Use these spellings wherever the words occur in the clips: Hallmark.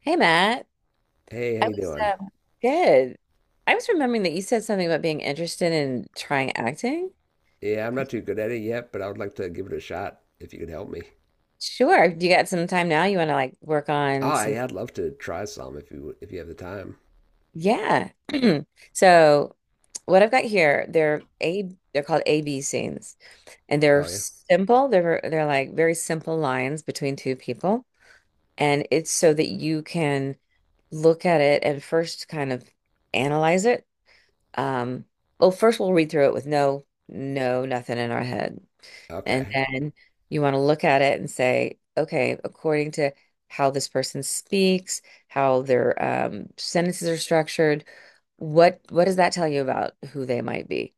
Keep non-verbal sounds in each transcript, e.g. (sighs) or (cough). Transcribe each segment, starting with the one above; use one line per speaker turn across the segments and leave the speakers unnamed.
Hey Matt,
Hey, how
I
you
was
doing?
um, good. I was remembering that you said something about being interested in trying acting.
Yeah, I'm not too good at it yet, but I would like to give it a shot if you could help me.
Sure, you got some time now? You want to like work on
Oh,
some?
yeah, I'd love to try some if you have the time.
Yeah. (clears throat) So, what I've got here, they're A, they're called AB scenes, and they're
Oh yeah.
simple. They're like very simple lines between two people, and it's so that you can look at it and first kind of analyze it. Um, well, first we'll read through it with no, no, nothing in our head. And
Okay.
then you want to look at it and say, okay, according to how this person speaks, how their sentences are structured, what does that tell you about who they might be?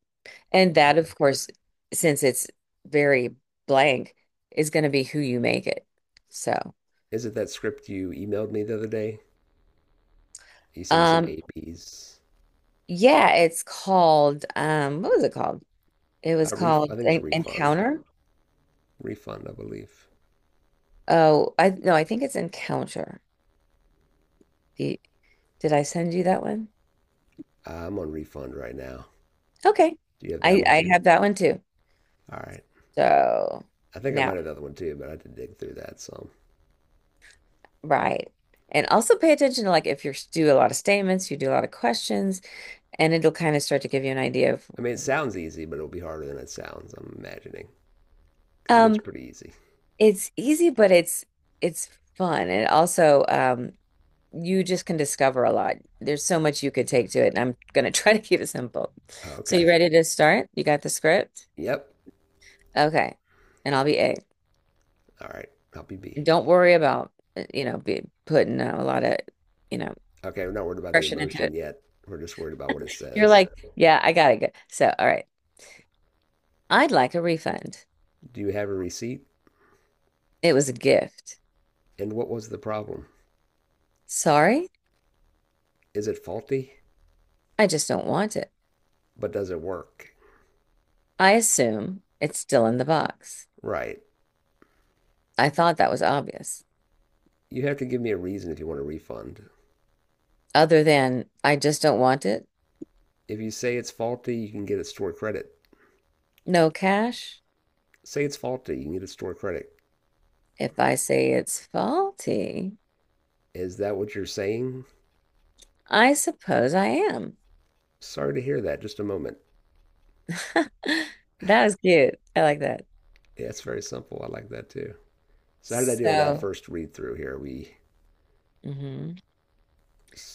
And that,
Okay.
of course, since it's very blank, is going to be who you make it. So,
Is it that script you emailed me the other day? You sent me some
um,
APs.
yeah, it's called what was it called? It was
Ref
called
I think it's refund.
Encounter.
Refund, I believe.
Oh, I, no, I think it's Encounter. The, did I send you that one?
I'm on refund right now.
Okay.
Do you have that
I
one
I
too?
have that one too.
All right.
So
I think I might
now,
have another one too, but I had to dig through that some.
right. And also pay attention to like if you do a lot of statements, you do a lot of questions, and it'll kind of start to give you an idea of
I mean, it sounds easy, but it'll be harder than it sounds, I'm imagining, because it looks
um
pretty easy.
it's easy, but it's fun. And also you just can discover a lot. There's so much you could take to it, and I'm gonna try (laughs) to keep it simple.
Oh,
So
okay.
you ready to start? You got the script?
Yep.
Okay. And I'll be A.
All right. Help you be.
Don't worry about you know, be putting a lot of, you know,
Okay, we're not worried about the
impression into
emotion
it.
yet. We're just worried about what it
You're
says.
like, yeah, I gotta go. So, all right, I'd like a refund.
Do you have a receipt?
It was a gift.
And what was the problem?
Sorry,
Is it faulty?
I just don't want it.
But does it work?
I assume it's still in the box.
Right.
I thought that was obvious.
You have to give me a reason if you want a refund.
Other than, I just don't want it.
If you say it's faulty, you can get a store credit.
No cash.
Say it's faulty, you can get a store credit.
If I say it's faulty,
Is that what you're saying?
I suppose I am.
Sorry to hear that. Just a moment.
(laughs) That was cute. I like that.
Yeah, it's very simple. I like that too. So how did I do on that
So,
first read through here? We
mhm.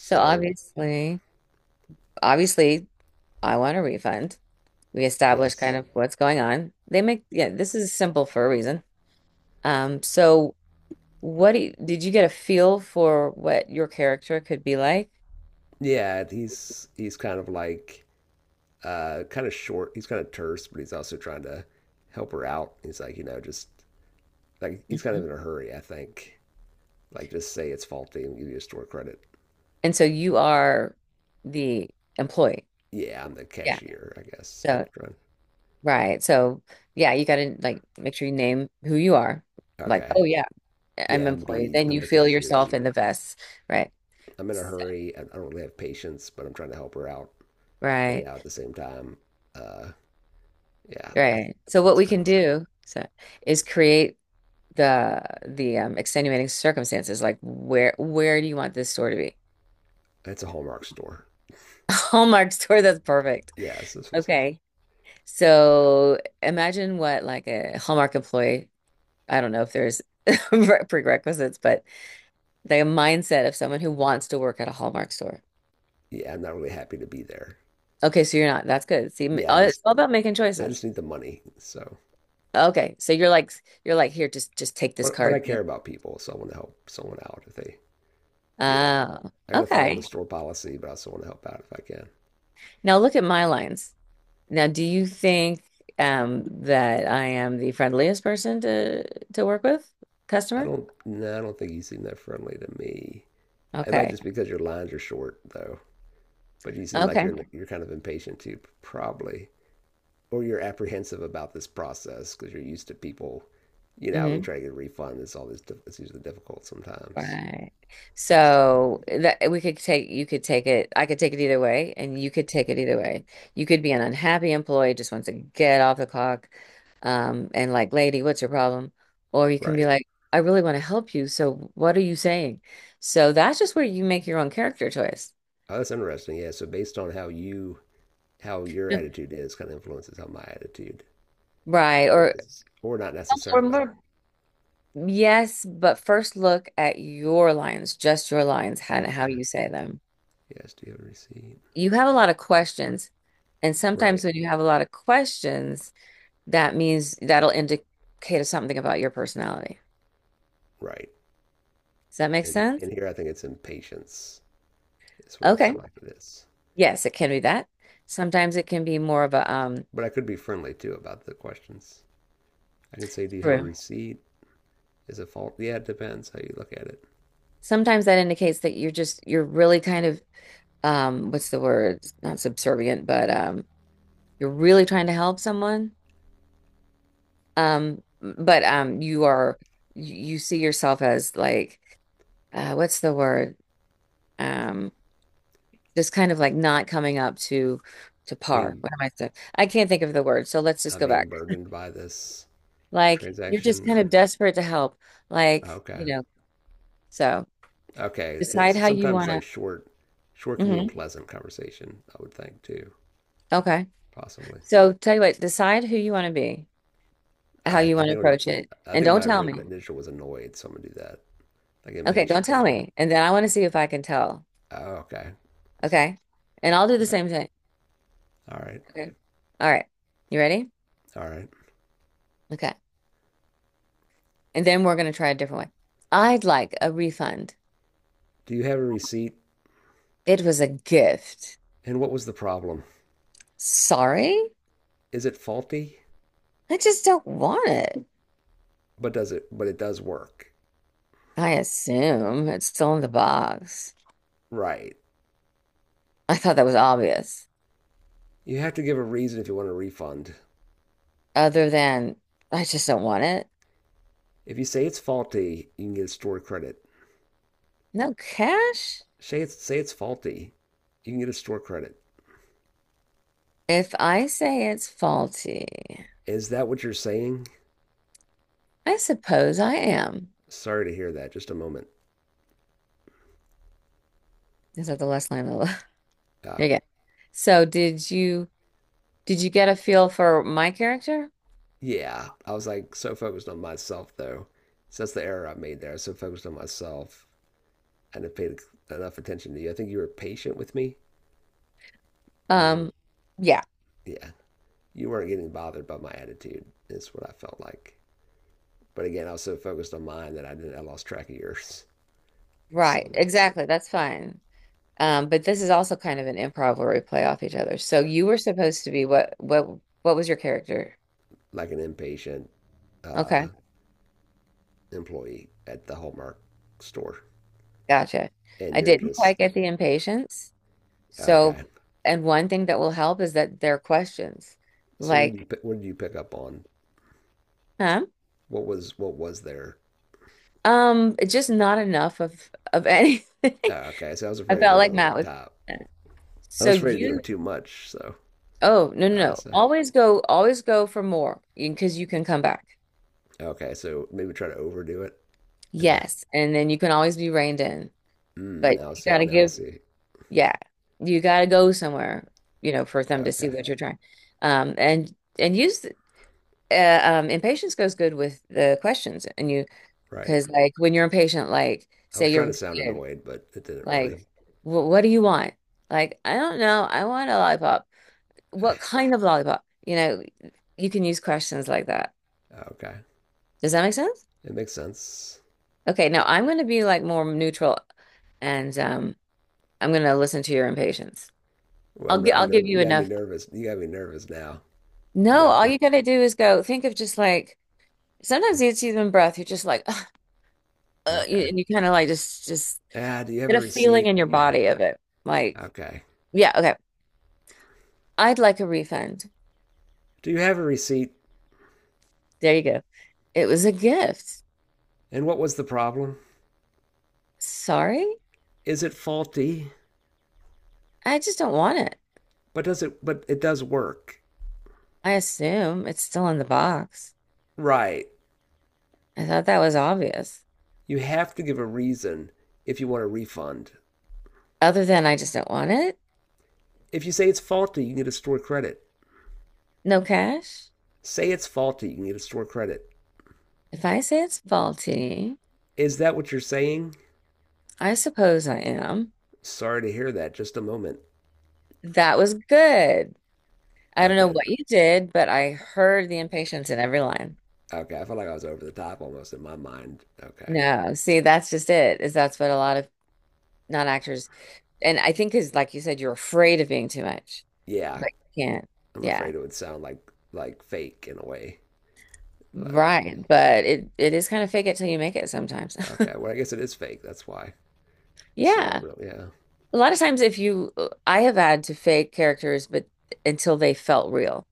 So obviously, I want a refund. We establish
yes.
kind of what's going on. They make, yeah, this is simple for a reason. So what do did you get a feel for what your character could be like?
Yeah, he's kind of like kind of short. He's kind of terse, but he's also trying to help her out. He's like, you know, just like he's kind
Mhm.
of in a hurry, I think. Like, just say it's faulty and give you a store credit.
And so you are the employee.
Yeah, I'm the
Yeah.
cashier, I guess. I'm
So,
trying.
right. So, yeah, you got to like make sure you name who you are. Like,
Okay.
oh yeah, I'm
Yeah, I'm
employee.
B.
Then
I'm
you
the
feel
cashier
yourself in
B.
the vest. Right.
I'm in a hurry. I don't really have patience, but I'm trying to help her out. A
Right.
out at the same time. Uh, yeah, that's,
Right. So what
that's
we
kind of
can
hard.
do so, is create the extenuating circumstances like where do you want this store to be.
It's a Hallmark store.
(laughs) Hallmark store, that's perfect.
Yes, this was like,
Okay, so imagine what like a Hallmark employee, I don't know if there's (laughs) prerequisites, but the mindset of someone who wants to work at a Hallmark store.
yeah, I'm not really happy to be there.
Okay, so you're not, that's good, see
Yeah, I
it's
just
all about making
I
choices.
just need the money. So
Okay, so you're like, you're like here, just take this
but I
card, man.
care about people, so I want to help someone out if they, you know,
Oh,
I got to follow the
okay.
store policy, but I also want to help out if I can.
Now look at my lines. Now, do you think that I am the friendliest person to work with?
I
Customer?
don't, no, I don't think you seem that friendly to me. It might
Okay.
just because your lines are short, though. But you seem like
Okay.
you're kind of impatient too, probably, or you're apprehensive about this process because you're used to people. You know, when you
Mm-hmm.
try to get a refund, it's all it's usually difficult sometimes.
Right. So that we could take, you could take it, I could take it either way, and you could take it either way. You could be an unhappy employee, just wants to get off the clock, and like, "Lady, what's your problem?" Or you can be
Right.
like, "I really want to help you, so what are you saying?" So that's just where you make your own character choice.
Oh, that's interesting. Yeah. So based on how your
Yeah.
attitude is, kind of influences how my attitude
Right. Or
is, or not
or
necessarily.
more Yes, but first look at your lines, just your lines, and how
Okay.
you say them.
Yes. Do you have a receipt?
You have a lot of questions, and
Right.
sometimes when you have a lot of questions, that means that'll indicate something about your personality.
Right.
Does that make
And
sense?
and here I think it's impatience is what I feel
Okay.
like it is.
Yes, it can be that. Sometimes it can be more of a
But I could be friendly too about the questions. I can say, "Do you have a
true.
receipt? Is it fault? Yeah, it depends how you look at it.
Sometimes that indicates that you're just, you're really kind of what's the word? Not subservient, but you're really trying to help someone. But you are, you see yourself as like what's the word? Um, just kind of like not coming up to par.
Being
What am I saying? I can't think of the word, so let's just
I'm
go
being
back.
burdened by this
Like you're just
transaction,
kind of
or
desperate to help. Like,
okay,
you know, so
okay.
decide
It's
how you
sometimes like
want
short, short
to.
can mean
Hmm.
pleasant conversation. I would think too,
Okay.
possibly.
So tell you what, decide who you want to be, how
I I
you want
think
to
it would,
approach it,
I
and
think
don't
my
tell me.
initial was annoyed, so I'm gonna do that. Like
Okay, don't
impatient a
tell
little bit.
me, and then I want to see if I can tell.
Oh, okay.
Okay, and I'll do the
All right.
same thing.
All right.
Okay. All right. You ready?
All right.
Okay. And then we're going to try a different way. I'd like a refund.
Do you have a receipt?
It was a gift.
And what was the problem?
Sorry?
Is it faulty?
I just don't want it.
But it does work.
I assume it's still in the box.
Right.
I thought that was obvious.
You have to give a reason if you want a refund.
Other than, I just don't want it.
If you say it's faulty, you can get a store credit.
No cash?
Say it's faulty, you can get a store credit.
If I say it's faulty,
Is that what you're saying?
I suppose I am.
Sorry to hear that. Just a moment.
Is that the last line of the (laughs)
Oh
Okay. So did you, did you get a feel for my character?
yeah. I was like so focused on myself though. So that's the error I made there. I was so focused on myself. I didn't pay enough attention to you. I think you were patient with me. You were,
Um, yeah.
yeah, you weren't getting bothered by my attitude. That's what I felt like. But again, I was so focused on mine that I didn't. I lost track of yours. (laughs) So
Right,
that's
exactly. That's fine. But this is also kind of an improv where we play off each other. So you were supposed to be, what what was your character?
like an impatient uh,
Okay,
employee at the Hallmark store,
gotcha.
and
I
you're
didn't
just
quite get the impatience.
okay.
So, and one thing that will help is that there are questions.
So
Like,
what did you pick up on?
huh?
What was there?
It's just not enough of anything.
Oh,
(laughs)
okay, so I was
I
afraid of
felt
going
like
over the
Matt was
top.
(laughs)
I
So
was afraid of
you,
doing too much. So
oh, no, no,
uh,
no.
so
Always go for more, because you 'cause you can come back.
okay, so maybe try to overdo it. And
Yes. And then you can always be reined in.
mm,
But
now I
you
see.
gotta
Now I
give,
see.
yeah, you gotta go somewhere, you know, for them to see
Okay.
what you're trying. Um, and and use impatience goes good with the questions, and you,
Right.
because like when you're impatient, like
I
say
was
you're
trying to
with
sound
a kid,
annoyed, but it didn't
like,
really.
What do you want? Like I don't know, I want a lollipop. What
(sighs)
kind of lollipop?" You know, you can use questions like that.
Okay.
Does that make sense?
It makes sense.
Okay, now I'm gonna be like more neutral, and I'm gonna listen to your impatience. I'll give
You
you
got me
enough.
nervous. You got me nervous now. I'm gonna
No,
have
all
to.
you gotta do is go think of just like, sometimes it's even breath. You're just like, "Ugh, you-
Okay.
and you kind of like just
Ah, do you have a
get a feeling
receipt?
in your
Yeah.
body of it. Like,
Okay.
yeah, okay. I'd like a refund.
Do you have a receipt?
There you go. It was a gift.
And what was the problem?
Sorry,
Is it faulty?
I just don't want it.
But does it? But it does work.
I assume it's still in the box.
Right.
I thought that was obvious.
You have to give a reason if you want a refund.
Other than I just don't want it.
If you say it's faulty, you can get a store credit.
No cash.
Say it's faulty, you can get a store credit.
If I say it's faulty,
Is that what you're saying?
I suppose I am.
Sorry to hear that. Just a moment.
That was good. I don't know
Okay.
what you did, but I heard the impatience in every line.
Okay. I felt like I was over the top almost in my mind. Okay.
No, see, that's just it, is that's what a lot of non-actors, and I think is like you said, you're afraid of being too much,
Yeah.
but you can't.
I'm
Yeah,
afraid it would sound like fake in a way. But
right. But it is kind of fake it till you make it sometimes.
okay.
(laughs)
Well, I guess it is fake. That's why. It's not a
Yeah.
real. Yeah.
A lot of times if you I have had to fake characters, but until they felt real.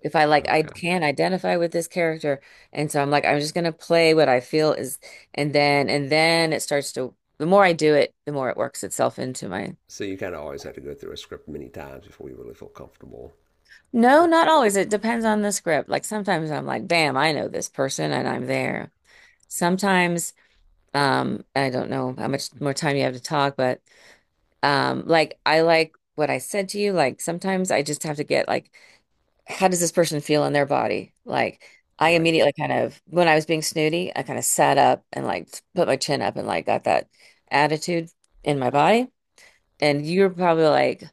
If I, like, I
Okay.
can identify with this character, and so I'm like I'm just gonna play what I feel is, and then it starts to, the more I do it the more it works itself into my,
So you kind of always have to go through a script many times before you really feel comfortable
no
with.
not always, it depends on the script, like sometimes I'm like, bam, I know this person and I'm there, sometimes I don't know how much more time you have to talk, but like I like what I said to you, like sometimes I just have to get like, how does this person feel in their body? Like, I
Right.
immediately kind of, when I was being snooty, I kind of sat up and like put my chin up and like got that attitude in my body. And you're probably like,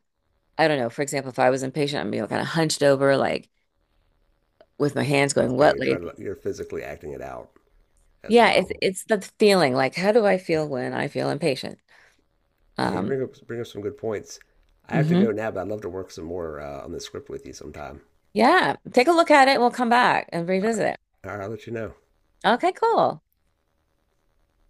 I don't know. For example, if I was impatient, I'm, you know, kind of hunched over, like with my hands going,
Okay.
what,
You're trying
lady?
to. You're physically acting it out as
Yeah,
well.
it's the feeling. Like, how do I feel when I feel impatient?
Yeah. You
Um,
bring up some good points. I have to
mhm.
go now, but I'd love to work some more on the script with you sometime.
Yeah. Take a look at it. We'll come back and
All right.
revisit it.
All right, I'll let you know.
Okay, cool.